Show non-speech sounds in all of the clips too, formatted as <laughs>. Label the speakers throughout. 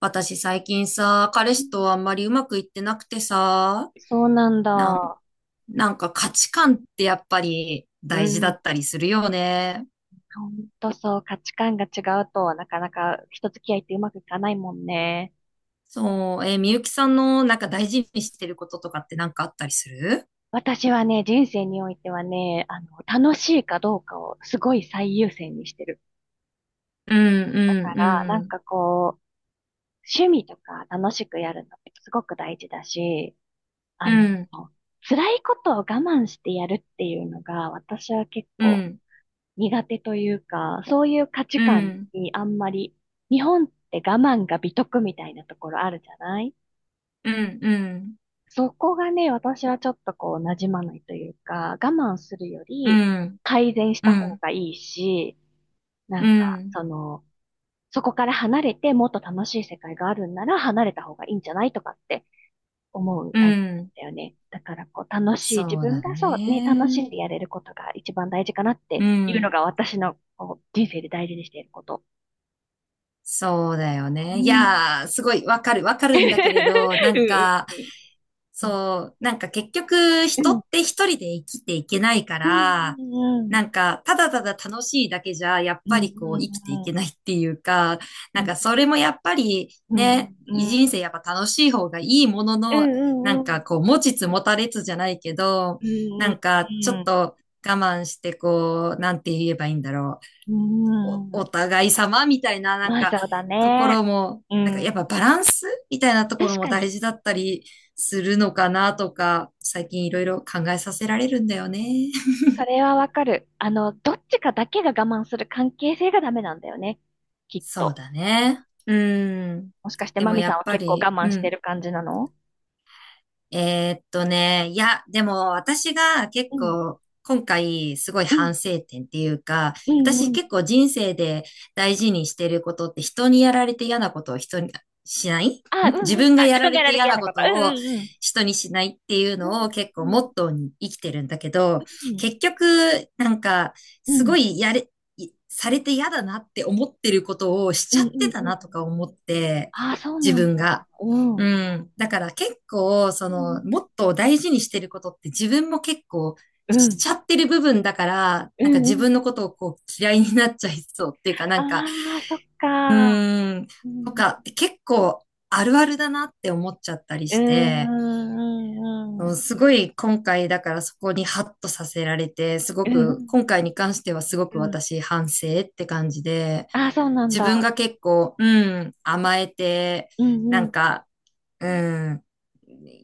Speaker 1: 私最近さ、
Speaker 2: う
Speaker 1: 彼氏
Speaker 2: ん。
Speaker 1: とあんまりうまくいってなくてさ、
Speaker 2: そうなん
Speaker 1: なん、
Speaker 2: だ。
Speaker 1: なんか価値観ってやっぱり
Speaker 2: う
Speaker 1: 大事だ
Speaker 2: ん。
Speaker 1: ったりするよね。
Speaker 2: ほんとそう、価値観が違うと、なかなか人付き合いってうまくいかないもんね。
Speaker 1: そう、みゆきさんのなんか大事にしてることとかってなんかあったりする？
Speaker 2: 私はね、人生においてはね、楽しいかどうかをすごい最優先にしてる
Speaker 1: うん。
Speaker 2: か
Speaker 1: うん。
Speaker 2: ら、な
Speaker 1: う
Speaker 2: ん
Speaker 1: ん。
Speaker 2: かこう、趣味とか楽しくやるのってすごく大事だし、
Speaker 1: う
Speaker 2: あの、
Speaker 1: ん。
Speaker 2: 辛いことを我慢してやるっていうのが、私は結
Speaker 1: う
Speaker 2: 構
Speaker 1: ん。
Speaker 2: 苦手というか、そういう価値
Speaker 1: う
Speaker 2: 観
Speaker 1: ん。
Speaker 2: にあんまり、日本って我慢が美徳みたいなところあるじゃない。
Speaker 1: うん。うん。
Speaker 2: そこがね、私はちょっとこう、馴染まないというか、我慢するよ
Speaker 1: う
Speaker 2: り
Speaker 1: ん。
Speaker 2: 改善し
Speaker 1: う
Speaker 2: た方
Speaker 1: ん。
Speaker 2: がいいし、な
Speaker 1: う
Speaker 2: んか、
Speaker 1: ん。
Speaker 2: その、そこから離れてもっと楽しい世界があるんなら離れた方がいいんじゃないとかって思う
Speaker 1: う
Speaker 2: タイプだっ
Speaker 1: ん。
Speaker 2: たよね。だからこう楽しい、自
Speaker 1: そう
Speaker 2: 分
Speaker 1: だ
Speaker 2: がそうね、楽し
Speaker 1: ね。
Speaker 2: んでやれることが一番大事かなって
Speaker 1: う
Speaker 2: いうの
Speaker 1: ん。
Speaker 2: が私のこう人生で大事にしていること。
Speaker 1: そうだよ
Speaker 2: う
Speaker 1: ね。い
Speaker 2: ん。
Speaker 1: やー、すごいわかる、わかるんだけれど、な
Speaker 2: <laughs>
Speaker 1: ん
Speaker 2: う
Speaker 1: か、
Speaker 2: ん
Speaker 1: そう、なんか結局
Speaker 2: う
Speaker 1: 人
Speaker 2: ん。
Speaker 1: って一人で生きていけないか
Speaker 2: う
Speaker 1: ら、
Speaker 2: ん。うん。
Speaker 1: なんかただただ楽しいだけじゃやっ
Speaker 2: う
Speaker 1: ぱりこう生きていけ
Speaker 2: ん。
Speaker 1: ないっていうか、
Speaker 2: う
Speaker 1: な
Speaker 2: ん。
Speaker 1: ん
Speaker 2: う
Speaker 1: かそ
Speaker 2: ん。
Speaker 1: れもやっぱり
Speaker 2: うん。
Speaker 1: ね、
Speaker 2: う
Speaker 1: 人
Speaker 2: ん。
Speaker 1: 生やっぱ楽しい方がいいもの
Speaker 2: う
Speaker 1: の、な
Speaker 2: ん。
Speaker 1: ん
Speaker 2: う
Speaker 1: か
Speaker 2: ん。
Speaker 1: こう持ちつ持たれつじゃないけど、
Speaker 2: う
Speaker 1: なんかちょっ
Speaker 2: ん。
Speaker 1: と我慢してこう、なんて言えばいいんだろう。
Speaker 2: う
Speaker 1: お、
Speaker 2: ん。
Speaker 1: お互い様みたいな、なん
Speaker 2: まあ
Speaker 1: か、
Speaker 2: そうだ
Speaker 1: ところ
Speaker 2: ね。
Speaker 1: も、
Speaker 2: う
Speaker 1: なんかやっぱ
Speaker 2: ん。
Speaker 1: バランスみたいなとこ
Speaker 2: 確
Speaker 1: ろも
Speaker 2: かに。
Speaker 1: 大事だったりするのかなとか、最近いろいろ考えさせられるんだよね。<laughs>
Speaker 2: それはわかる。どっちかだけが我慢する関係性がダメなんだよね。きっ
Speaker 1: そう
Speaker 2: と。
Speaker 1: だね。うん。
Speaker 2: もしかして
Speaker 1: で
Speaker 2: マ
Speaker 1: も
Speaker 2: ミ
Speaker 1: や
Speaker 2: さん
Speaker 1: っ
Speaker 2: は
Speaker 1: ぱ
Speaker 2: 結構
Speaker 1: り、
Speaker 2: 我
Speaker 1: う
Speaker 2: 慢して
Speaker 1: ん。
Speaker 2: る感じなの？
Speaker 1: いや、でも私が結
Speaker 2: うん。
Speaker 1: 構今回すごい
Speaker 2: うん。
Speaker 1: 反省点っていうか、
Speaker 2: うんう
Speaker 1: 私
Speaker 2: ん。
Speaker 1: 結構人生で大事にしてることって人にやられて嫌なことを人にしないん
Speaker 2: あ、うんう
Speaker 1: 自
Speaker 2: ん。う
Speaker 1: 分が
Speaker 2: あ、
Speaker 1: や
Speaker 2: 自
Speaker 1: ら
Speaker 2: 分が
Speaker 1: れ
Speaker 2: やら
Speaker 1: て
Speaker 2: れて
Speaker 1: 嫌
Speaker 2: 嫌
Speaker 1: な
Speaker 2: な
Speaker 1: こ
Speaker 2: こと。
Speaker 1: と
Speaker 2: う
Speaker 1: を
Speaker 2: んうん
Speaker 1: 人にしないっていう
Speaker 2: う
Speaker 1: の
Speaker 2: ん。
Speaker 1: を結構
Speaker 2: うん。
Speaker 1: モットーに生きてるんだけど、
Speaker 2: うん。
Speaker 1: 結局なんか
Speaker 2: う
Speaker 1: すご
Speaker 2: ん。
Speaker 1: いやれ、いされて嫌だなって思ってることをし
Speaker 2: う
Speaker 1: ちゃっ
Speaker 2: んう
Speaker 1: て
Speaker 2: ん
Speaker 1: た
Speaker 2: うん。
Speaker 1: なとか思って、
Speaker 2: ああー、そう
Speaker 1: 自
Speaker 2: なん
Speaker 1: 分が。
Speaker 2: だ。うん。う
Speaker 1: う
Speaker 2: ん
Speaker 1: ん。だから結構、その、もっと大事にしてることって自分も結構
Speaker 2: うん。う
Speaker 1: しち
Speaker 2: ん。
Speaker 1: ゃってる部分だから、
Speaker 2: うん
Speaker 1: なんか
Speaker 2: う
Speaker 1: 自
Speaker 2: ん
Speaker 1: 分の
Speaker 2: うん。
Speaker 1: ことをこう嫌いになっちゃいそうっていうか、な
Speaker 2: あ
Speaker 1: んか、
Speaker 2: あー、そっ
Speaker 1: う
Speaker 2: か。
Speaker 1: ーん、
Speaker 2: う
Speaker 1: と
Speaker 2: ん。
Speaker 1: かって結構あるあるだなって思っちゃったり
Speaker 2: う
Speaker 1: し
Speaker 2: ん
Speaker 1: て、
Speaker 2: うんうん
Speaker 1: う
Speaker 2: う
Speaker 1: ん
Speaker 2: ん。
Speaker 1: すごい今回だからそこにハッとさせられて、すご
Speaker 2: うんう
Speaker 1: く、今
Speaker 2: ん
Speaker 1: 回に関してはすご
Speaker 2: う
Speaker 1: く
Speaker 2: ん。
Speaker 1: 私反省って感じで、
Speaker 2: ああー、そうなん
Speaker 1: 自分
Speaker 2: だ。
Speaker 1: が結構、うん、甘えて、
Speaker 2: う
Speaker 1: な
Speaker 2: んう
Speaker 1: ん
Speaker 2: ん。
Speaker 1: か、うん、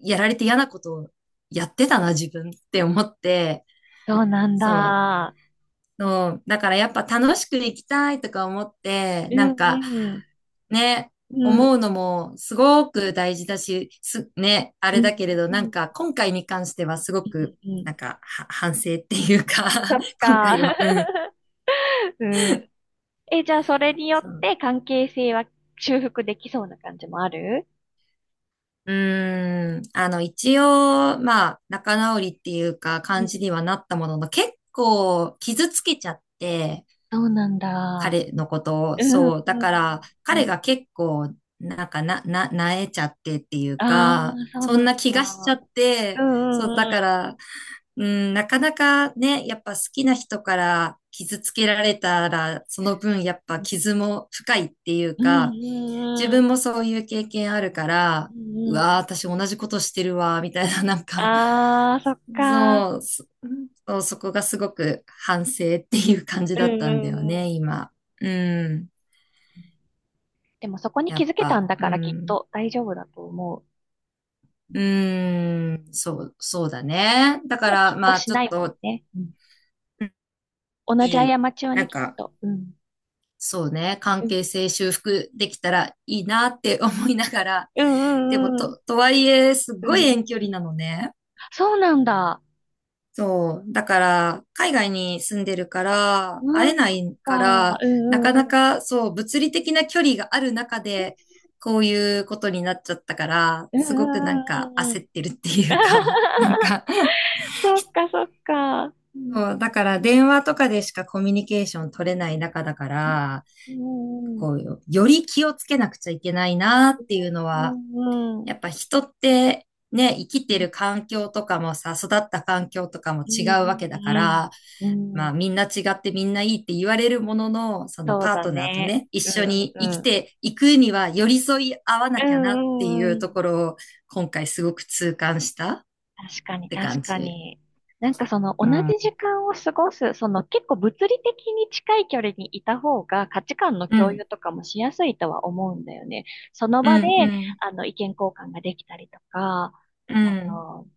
Speaker 1: やられて嫌なことをやってたな、自分って思って、
Speaker 2: そうなん
Speaker 1: そう。
Speaker 2: だ。
Speaker 1: そうだからやっぱ楽しく生きたいとか思って、
Speaker 2: うん
Speaker 1: なんか
Speaker 2: うん。
Speaker 1: ね、
Speaker 2: う
Speaker 1: 思う
Speaker 2: ん
Speaker 1: のもすごく大事だし、ね、あ
Speaker 2: う
Speaker 1: れだ
Speaker 2: ん
Speaker 1: けれど、
Speaker 2: う
Speaker 1: な
Speaker 2: んう
Speaker 1: ん
Speaker 2: ん。
Speaker 1: か今回に関してはすご
Speaker 2: うん
Speaker 1: く、
Speaker 2: うん。
Speaker 1: なんかは反省っていうか
Speaker 2: ああ、そっ
Speaker 1: <laughs> 今
Speaker 2: か。
Speaker 1: 回は、うん。
Speaker 2: うん。え、じゃあそれによっ
Speaker 1: そう
Speaker 2: て関係性は修復できそうな感じもある？
Speaker 1: 一応、まあ、仲直りっていうか、
Speaker 2: う
Speaker 1: 感
Speaker 2: ん。
Speaker 1: じにはなったものの、結構傷つけちゃって、
Speaker 2: そうなんだ。
Speaker 1: 彼のことを。
Speaker 2: うんうん
Speaker 1: そう。だから、
Speaker 2: う
Speaker 1: 彼
Speaker 2: ん。
Speaker 1: が結構、なんかなえちゃってっていう
Speaker 2: あ
Speaker 1: か、
Speaker 2: あ、そう
Speaker 1: そん
Speaker 2: なん
Speaker 1: な気がしちゃ
Speaker 2: だ。
Speaker 1: っ
Speaker 2: う
Speaker 1: て、
Speaker 2: んう
Speaker 1: そう、だ
Speaker 2: んう
Speaker 1: か
Speaker 2: ん。
Speaker 1: ら、うん、なかなかね、やっぱ好きな人から傷つけられたら、その分やっぱ傷も深いっていうか、
Speaker 2: うん
Speaker 1: 自
Speaker 2: うんう
Speaker 1: 分
Speaker 2: ん。
Speaker 1: もそういう経験あるから、
Speaker 2: うんう
Speaker 1: う
Speaker 2: んう
Speaker 1: わー、私同じことしてるわ、みたいな、なん
Speaker 2: ん。
Speaker 1: か、
Speaker 2: ああ、そっか。
Speaker 1: そう、そそう、そこがすごく反省っていう感じ
Speaker 2: うん
Speaker 1: だった
Speaker 2: う
Speaker 1: んだよ
Speaker 2: んう
Speaker 1: ね、
Speaker 2: ん。
Speaker 1: 今。うん。
Speaker 2: でもそこに
Speaker 1: や
Speaker 2: 気
Speaker 1: っ
Speaker 2: づけた
Speaker 1: ぱ、
Speaker 2: んだ
Speaker 1: う
Speaker 2: からきっ
Speaker 1: ん。
Speaker 2: と大丈夫だと思う。
Speaker 1: そう、そうだね。だか
Speaker 2: もうきっ
Speaker 1: ら、
Speaker 2: と
Speaker 1: まあ、
Speaker 2: し
Speaker 1: ちょ
Speaker 2: な
Speaker 1: っ
Speaker 2: いもん
Speaker 1: と、
Speaker 2: ね。うん、同じ
Speaker 1: いい、
Speaker 2: 過ちは
Speaker 1: な
Speaker 2: ね、
Speaker 1: ん
Speaker 2: きっ
Speaker 1: か、
Speaker 2: と。うん。
Speaker 1: そうね、
Speaker 2: う
Speaker 1: 関
Speaker 2: ん。
Speaker 1: 係性修復できたらいいなって思いながら、
Speaker 2: う
Speaker 1: で
Speaker 2: ん
Speaker 1: も、
Speaker 2: うんうん。
Speaker 1: とはいえ、す
Speaker 2: うん
Speaker 1: ごい
Speaker 2: うん
Speaker 1: 遠距
Speaker 2: う
Speaker 1: 離
Speaker 2: ん。
Speaker 1: なのね。
Speaker 2: そうなんだ。
Speaker 1: そう。だから、海外に住んでるから、会
Speaker 2: う
Speaker 1: え
Speaker 2: ん、
Speaker 1: な
Speaker 2: そっ
Speaker 1: いか
Speaker 2: か。
Speaker 1: ら、
Speaker 2: う
Speaker 1: な
Speaker 2: んう
Speaker 1: か
Speaker 2: ん
Speaker 1: な
Speaker 2: うん。
Speaker 1: か、そう、物理的な距離がある中で、こういうことになっちゃったから、
Speaker 2: うんう
Speaker 1: すごくなん
Speaker 2: んう
Speaker 1: か
Speaker 2: んうんう
Speaker 1: 焦っ
Speaker 2: ん。
Speaker 1: てるっていうか、<laughs> なん
Speaker 2: <laughs>
Speaker 1: か、
Speaker 2: そっか、そっか。うん、
Speaker 1: そう、だから電話とかでしかコミュニケーション取れない中だから、
Speaker 2: うん、うん、
Speaker 1: こう、より気をつけなくちゃいけないなっていうの
Speaker 2: う
Speaker 1: は、
Speaker 2: ん、う
Speaker 1: やっぱ人ってね、生きてる環境とかもさ、育った環境とかも
Speaker 2: ん、
Speaker 1: 違うわけだ
Speaker 2: う
Speaker 1: か
Speaker 2: ん、
Speaker 1: ら、
Speaker 2: うん、う
Speaker 1: ま
Speaker 2: ん、
Speaker 1: あみんな違ってみんないいって言われるものの、その
Speaker 2: そう
Speaker 1: パー
Speaker 2: だ
Speaker 1: トナーと
Speaker 2: ね。
Speaker 1: ね、一
Speaker 2: うん、
Speaker 1: 緒
Speaker 2: う
Speaker 1: に生
Speaker 2: ん、
Speaker 1: き
Speaker 2: うん。
Speaker 1: ていくには寄り添い合わな
Speaker 2: う
Speaker 1: きゃなってい
Speaker 2: ん、うん、
Speaker 1: う
Speaker 2: う
Speaker 1: と
Speaker 2: ん。
Speaker 1: ころを今回すごく痛感したっ
Speaker 2: 確かに、
Speaker 1: て
Speaker 2: 確
Speaker 1: 感
Speaker 2: か
Speaker 1: じ。
Speaker 2: に。なんかその
Speaker 1: う
Speaker 2: 同じ
Speaker 1: ん。
Speaker 2: 時間を過ごす、その結構物理的に近い距離にいた方が価値観の
Speaker 1: う
Speaker 2: 共
Speaker 1: ん、
Speaker 2: 有とかもしやすいとは思うんだよね。その
Speaker 1: う
Speaker 2: 場で、
Speaker 1: ん、うん、
Speaker 2: 意見交換ができたりとか、
Speaker 1: う
Speaker 2: あ
Speaker 1: ん、
Speaker 2: の、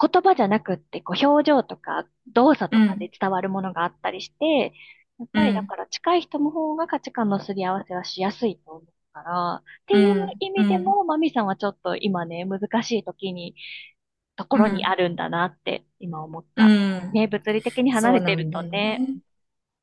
Speaker 2: 言葉じゃなくって、こう、表情とか動作
Speaker 1: う
Speaker 2: とかで
Speaker 1: ん、
Speaker 2: 伝わるものがあったりして、やっ
Speaker 1: う
Speaker 2: ぱりだ
Speaker 1: ん、
Speaker 2: から近い人の方が価値観のすり合わせはしやすいと思うから、って
Speaker 1: う
Speaker 2: いう
Speaker 1: ん、
Speaker 2: 意
Speaker 1: う
Speaker 2: 味で
Speaker 1: ん、
Speaker 2: も、マミさんはちょっと今ね、難しい時に、とこ
Speaker 1: う
Speaker 2: ろにあ
Speaker 1: ん、
Speaker 2: るんだなって今思っ
Speaker 1: う
Speaker 2: た。
Speaker 1: ん。
Speaker 2: ね、物理的に離
Speaker 1: そう
Speaker 2: れて
Speaker 1: な
Speaker 2: る
Speaker 1: んだ
Speaker 2: と
Speaker 1: よ
Speaker 2: ね、
Speaker 1: ね。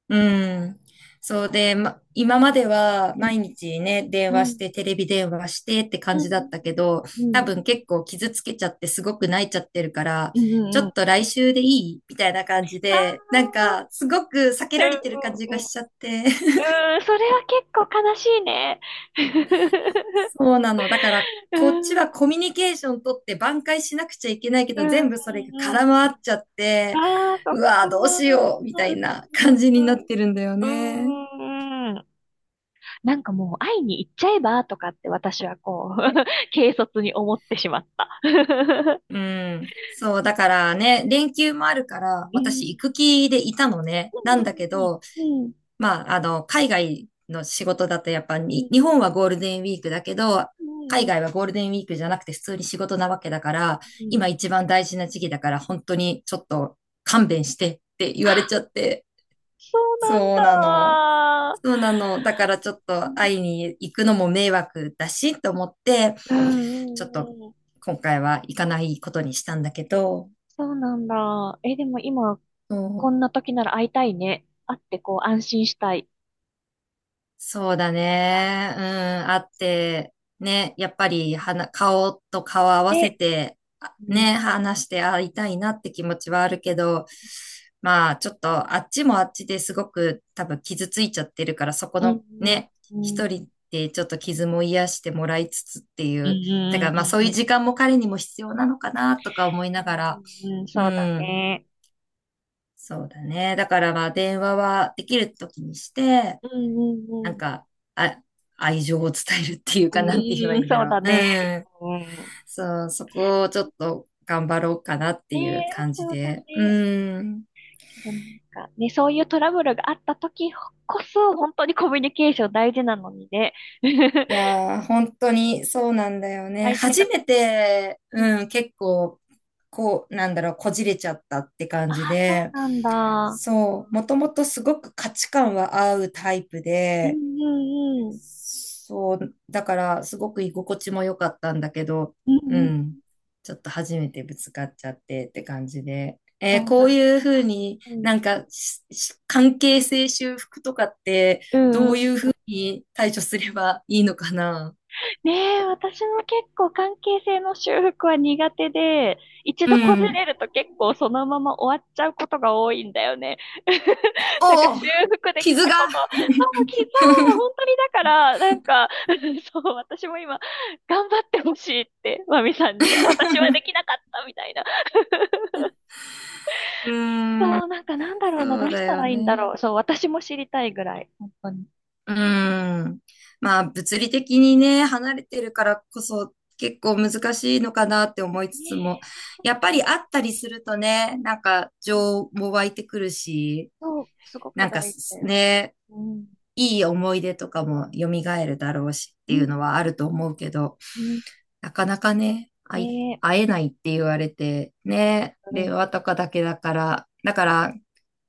Speaker 1: うん。そうで、ま、今までは
Speaker 2: うん、
Speaker 1: 毎日ね、電話
Speaker 2: う
Speaker 1: し
Speaker 2: ん、
Speaker 1: て、テレビ電話してって感
Speaker 2: う
Speaker 1: じだっ
Speaker 2: ん、
Speaker 1: たけど、
Speaker 2: う
Speaker 1: 多
Speaker 2: ん、
Speaker 1: 分結構傷つけちゃってすごく泣いちゃってるから、
Speaker 2: うん、うん、
Speaker 1: ちょ
Speaker 2: うん。うん。
Speaker 1: っと来週でいいみたいな感じ
Speaker 2: ああ、
Speaker 1: で、なんかすごく避け
Speaker 2: う
Speaker 1: られてる感じ
Speaker 2: ん、
Speaker 1: が
Speaker 2: うん、うん。う
Speaker 1: しちゃって。<laughs>
Speaker 2: ーん、それは結構悲しいね。<laughs>
Speaker 1: そうなの。だから、
Speaker 2: うー
Speaker 1: こっちは
Speaker 2: ん。
Speaker 1: コミュニケーション取って挽回しなくちゃいけないけ
Speaker 2: う
Speaker 1: ど、
Speaker 2: ん
Speaker 1: 全
Speaker 2: うん
Speaker 1: 部それが空
Speaker 2: う
Speaker 1: 回
Speaker 2: ん。
Speaker 1: っちゃっ
Speaker 2: あ
Speaker 1: て、
Speaker 2: あ、そっ
Speaker 1: うわ
Speaker 2: か
Speaker 1: ー
Speaker 2: ー。
Speaker 1: どうしようみたいな
Speaker 2: うんう
Speaker 1: 感
Speaker 2: ん
Speaker 1: じになっ
Speaker 2: うん。
Speaker 1: てるんだよ
Speaker 2: う
Speaker 1: ね。
Speaker 2: んうんうん。なんかもう会いに行っちゃえばとかって私はこう、<laughs> 軽率に思ってしまった。<laughs>
Speaker 1: うん。そう、だからね、連休もあるから、
Speaker 2: う
Speaker 1: 私行
Speaker 2: ん。
Speaker 1: く気でいたのね。
Speaker 2: う
Speaker 1: なんだけ
Speaker 2: ん
Speaker 1: ど、
Speaker 2: うんうん。
Speaker 1: まあ、海外の仕事だとやっぱ
Speaker 2: う
Speaker 1: に、
Speaker 2: ん
Speaker 1: 日本はゴールデンウィークだけど、
Speaker 2: うんうん
Speaker 1: 海
Speaker 2: うん
Speaker 1: 外はゴールデンウィークじゃなくて普通に仕事なわけだから、
Speaker 2: うん。
Speaker 1: 今一番大事な時期だから、本当にちょっと勘弁してって言われちゃって。
Speaker 2: そう
Speaker 1: そうな
Speaker 2: なん
Speaker 1: の。そう
Speaker 2: だ。
Speaker 1: なの。だからちょっ
Speaker 2: う
Speaker 1: と
Speaker 2: ん
Speaker 1: 会いに行くのも迷惑だし、と思って、
Speaker 2: う
Speaker 1: ちょっと
Speaker 2: んうん。
Speaker 1: 今回は行かないことにしたんだけど、
Speaker 2: そうなんだ。え、でも今、
Speaker 1: そ
Speaker 2: こんな
Speaker 1: う。
Speaker 2: 時なら会いたいね。会ってこう安心したい。
Speaker 1: そうだね。うん、あって、ね、やっぱり顔と顔合わせ
Speaker 2: で、
Speaker 1: て、あ
Speaker 2: うん
Speaker 1: ね、話して会いたいなって気持ちはあるけど、まあ、ちょっとあっちもあっちですごく多分傷ついちゃってるから、そこ
Speaker 2: う
Speaker 1: の
Speaker 2: ん、う
Speaker 1: ね、
Speaker 2: ん、う
Speaker 1: 一
Speaker 2: ん、
Speaker 1: 人でちょっと傷も癒してもらいつつってい
Speaker 2: うん、
Speaker 1: う、だか
Speaker 2: う
Speaker 1: らまあそう
Speaker 2: ん、
Speaker 1: い
Speaker 2: う
Speaker 1: う
Speaker 2: ん、
Speaker 1: 時間も彼にも必要なのかなとか思い
Speaker 2: う
Speaker 1: ながら、
Speaker 2: んうん。
Speaker 1: う
Speaker 2: そうだ
Speaker 1: ん、
Speaker 2: ね。
Speaker 1: そうだね。だからまあ電話はできる時にして、
Speaker 2: うん、うん、う
Speaker 1: なん
Speaker 2: ん。
Speaker 1: か、あ、愛情を伝えるっていうか、なんて言えば
Speaker 2: う
Speaker 1: い
Speaker 2: ん、
Speaker 1: いんだ
Speaker 2: そう
Speaker 1: ろ
Speaker 2: だ
Speaker 1: う。う
Speaker 2: ね。
Speaker 1: ん。
Speaker 2: うん。
Speaker 1: そう、そこをちょっと頑張ろうかなって
Speaker 2: ね
Speaker 1: い
Speaker 2: え、
Speaker 1: う感じ
Speaker 2: そうだ
Speaker 1: で。
Speaker 2: ね。
Speaker 1: うん。
Speaker 2: けどなんか、ね、そういうトラブルがあった時こそ、本当にコミュニケーション大事なのにね。
Speaker 1: い
Speaker 2: <laughs>
Speaker 1: やー、本当にそうなんだよね。
Speaker 2: 相手
Speaker 1: 初
Speaker 2: が、
Speaker 1: めて、
Speaker 2: うん。
Speaker 1: うん、結構、こう、なんだろう、こじれちゃったって感
Speaker 2: あ
Speaker 1: じ
Speaker 2: あ、そう
Speaker 1: で、
Speaker 2: なんだ。
Speaker 1: そう、もともとすごく価値観は合うタイプ
Speaker 2: う
Speaker 1: で、
Speaker 2: ん、うん、うん。
Speaker 1: そう、だからすごく居心地も良かったんだけど、
Speaker 2: う
Speaker 1: う
Speaker 2: ん、うん。
Speaker 1: ん、ちょっと初めてぶつかっちゃってって感じで。
Speaker 2: そう
Speaker 1: こう
Speaker 2: なん。
Speaker 1: いうふうに
Speaker 2: うん、
Speaker 1: なんか関係性修復とかって
Speaker 2: うん、
Speaker 1: ど
Speaker 2: うん。
Speaker 1: ういうふうに対処すればいいのかな？
Speaker 2: ねえ、私も結構関係性の修復は苦手で、一
Speaker 1: う
Speaker 2: 度こじ
Speaker 1: ん。
Speaker 2: れると結構そのまま終わっちゃうことが多いんだよね。<laughs> なんか
Speaker 1: おお、
Speaker 2: 修復でき
Speaker 1: 傷
Speaker 2: た
Speaker 1: が。
Speaker 2: こと、そう、きそう、本当にだから、なんか、<laughs> そう、私も今、頑張ってほしいって、マミさんには、私は
Speaker 1: <laughs>
Speaker 2: できなかったみたいな。
Speaker 1: うん
Speaker 2: そう、なんかなんだろうな、
Speaker 1: そ
Speaker 2: ど
Speaker 1: う
Speaker 2: うし
Speaker 1: だ
Speaker 2: た
Speaker 1: よ
Speaker 2: らいいんだ
Speaker 1: ね。
Speaker 2: ろう。そう、私も知りたいぐらい、本当に。
Speaker 1: うーん。まあ、物理的にね、離れてるからこそ結構難しいのかなって思い
Speaker 2: ね
Speaker 1: つつも、
Speaker 2: え、そう
Speaker 1: やっ
Speaker 2: だ
Speaker 1: ぱ
Speaker 2: よ
Speaker 1: り
Speaker 2: ね。
Speaker 1: 会ったりするとね、なんか情も湧いてくるし、
Speaker 2: そう、すご
Speaker 1: な
Speaker 2: く
Speaker 1: んか
Speaker 2: 大事だよね。
Speaker 1: ね、
Speaker 2: うん。
Speaker 1: いい思い出とかも蘇るだろうしっ
Speaker 2: う
Speaker 1: てい
Speaker 2: ん
Speaker 1: うのはあると思うけど、
Speaker 2: うん、
Speaker 1: なかなかね、
Speaker 2: ねえ、
Speaker 1: 会えないって言われて、ね、
Speaker 2: う
Speaker 1: 令
Speaker 2: ん、
Speaker 1: 和とかだけだから、だから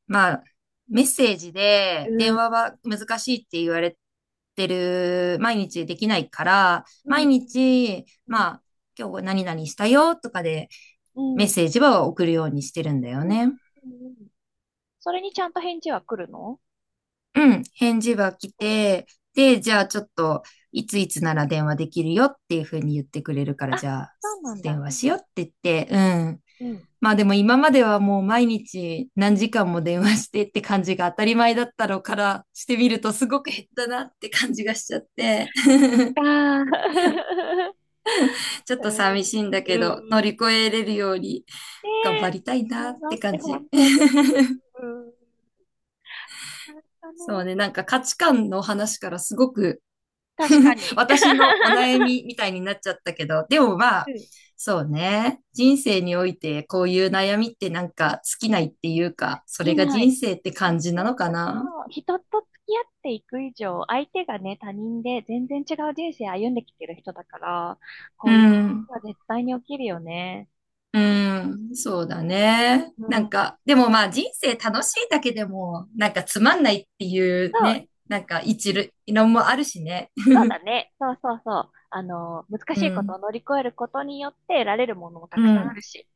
Speaker 1: まあ、メッセージで電話は難しいって言われてる、毎日できないから、
Speaker 2: うん、
Speaker 1: 毎
Speaker 2: うん、
Speaker 1: 日、
Speaker 2: うん、
Speaker 1: まあ、今日何々したよとかで
Speaker 2: うん、
Speaker 1: メッ
Speaker 2: うん、
Speaker 1: セージは送るようにしてるんだ
Speaker 2: う
Speaker 1: よ
Speaker 2: ん、
Speaker 1: ね。
Speaker 2: うん。それにちゃんと返事は来るの？
Speaker 1: うん、返事は来
Speaker 2: うん。
Speaker 1: て、で、じゃあちょっと、いついつなら電話できるよっていうふうに言ってくれるから、
Speaker 2: あ、
Speaker 1: じゃあ
Speaker 2: そうなん
Speaker 1: 電
Speaker 2: だ。
Speaker 1: 話
Speaker 2: う
Speaker 1: しよ
Speaker 2: ん、
Speaker 1: うって言って、うん、
Speaker 2: うん、
Speaker 1: まあでも今まではもう毎日
Speaker 2: う
Speaker 1: 何
Speaker 2: ん。
Speaker 1: 時間も電話してって感じが当たり前だったのからしてみるとすごく減ったなって感じがしちゃって、<laughs>
Speaker 2: ああー、
Speaker 1: ちょ
Speaker 2: <laughs>
Speaker 1: っ
Speaker 2: う
Speaker 1: と
Speaker 2: ん、
Speaker 1: 寂しいんだ
Speaker 2: う
Speaker 1: けど乗
Speaker 2: ん、う
Speaker 1: り
Speaker 2: ん。
Speaker 1: 越えれるように
Speaker 2: ね
Speaker 1: 頑張りたい
Speaker 2: え、
Speaker 1: なっ
Speaker 2: 頑張
Speaker 1: て
Speaker 2: って、
Speaker 1: 感
Speaker 2: 本
Speaker 1: じ。
Speaker 2: 当に。
Speaker 1: <laughs>
Speaker 2: うん、うん。あれだ
Speaker 1: そう
Speaker 2: ね。
Speaker 1: ね、なんか価値観の話からすごく
Speaker 2: 確かに。
Speaker 1: 私のお悩
Speaker 2: <laughs>
Speaker 1: みみたいになっちゃったけど、でもま
Speaker 2: う
Speaker 1: あ、
Speaker 2: ん。<laughs> で
Speaker 1: そうね。人生においてこういう悩みってなんか尽きないっていうか、そ
Speaker 2: き
Speaker 1: れが
Speaker 2: な
Speaker 1: 人
Speaker 2: い。
Speaker 1: 生って感じな
Speaker 2: 本
Speaker 1: のか
Speaker 2: 当に
Speaker 1: な。
Speaker 2: そう、人と付き合っていく以上、相手がね、他人で全然違う人生歩んできてる人だから、
Speaker 1: う
Speaker 2: こういうこ
Speaker 1: ん。
Speaker 2: とは絶対に起きるよね。
Speaker 1: うん、そうだね。
Speaker 2: う
Speaker 1: なん
Speaker 2: ん。
Speaker 1: か、でもまあ人生楽しいだけでも、なんかつまんないっていう
Speaker 2: そう、
Speaker 1: ね、なんか
Speaker 2: うん。
Speaker 1: 一論もあるしね。
Speaker 2: そうだね。そうそうそう。難
Speaker 1: う
Speaker 2: しいこと
Speaker 1: ん、
Speaker 2: を乗り越えることによって得られるものもた
Speaker 1: う
Speaker 2: くさんあ
Speaker 1: ん、
Speaker 2: るし。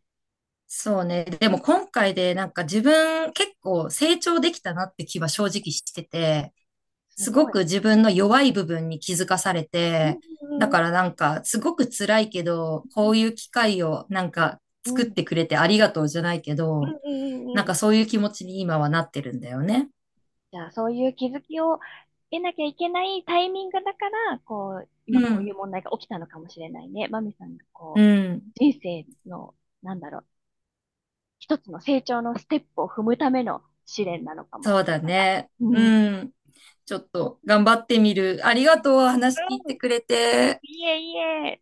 Speaker 1: そうね。でも今回でなんか自分結構成長できたなって気は正直してて、
Speaker 2: す
Speaker 1: す
Speaker 2: ご
Speaker 1: ご
Speaker 2: い。
Speaker 1: く自分の弱い部分に気づかされ
Speaker 2: う
Speaker 1: て、だ
Speaker 2: ん、うん、
Speaker 1: からなんかすごく辛いけど、こういう機会をなんか
Speaker 2: うん、うん、
Speaker 1: 作っ
Speaker 2: うん、
Speaker 1: てくれてありがとうじゃないけ
Speaker 2: うん、
Speaker 1: ど、
Speaker 2: うん、うんう
Speaker 1: な
Speaker 2: ん
Speaker 1: ん
Speaker 2: うん。
Speaker 1: かそういう気持ちに今はなってるんだよね。
Speaker 2: じゃあ、そういう気づきを得なきゃいけないタイミングだから、こう、
Speaker 1: う
Speaker 2: 今こうい
Speaker 1: ん。
Speaker 2: う問題が起きたのかもしれないね。マミさんが
Speaker 1: う
Speaker 2: こう、
Speaker 1: ん。
Speaker 2: 人生の、なんだろう、一つの成長のステップを踏むための試練なのかも。
Speaker 1: そうだ
Speaker 2: なんか、
Speaker 1: ね。
Speaker 2: う
Speaker 1: う
Speaker 2: ん。うん。
Speaker 1: ん。ちょっと頑張ってみる。ありがとう。話聞いてくれて。
Speaker 2: いえいえ。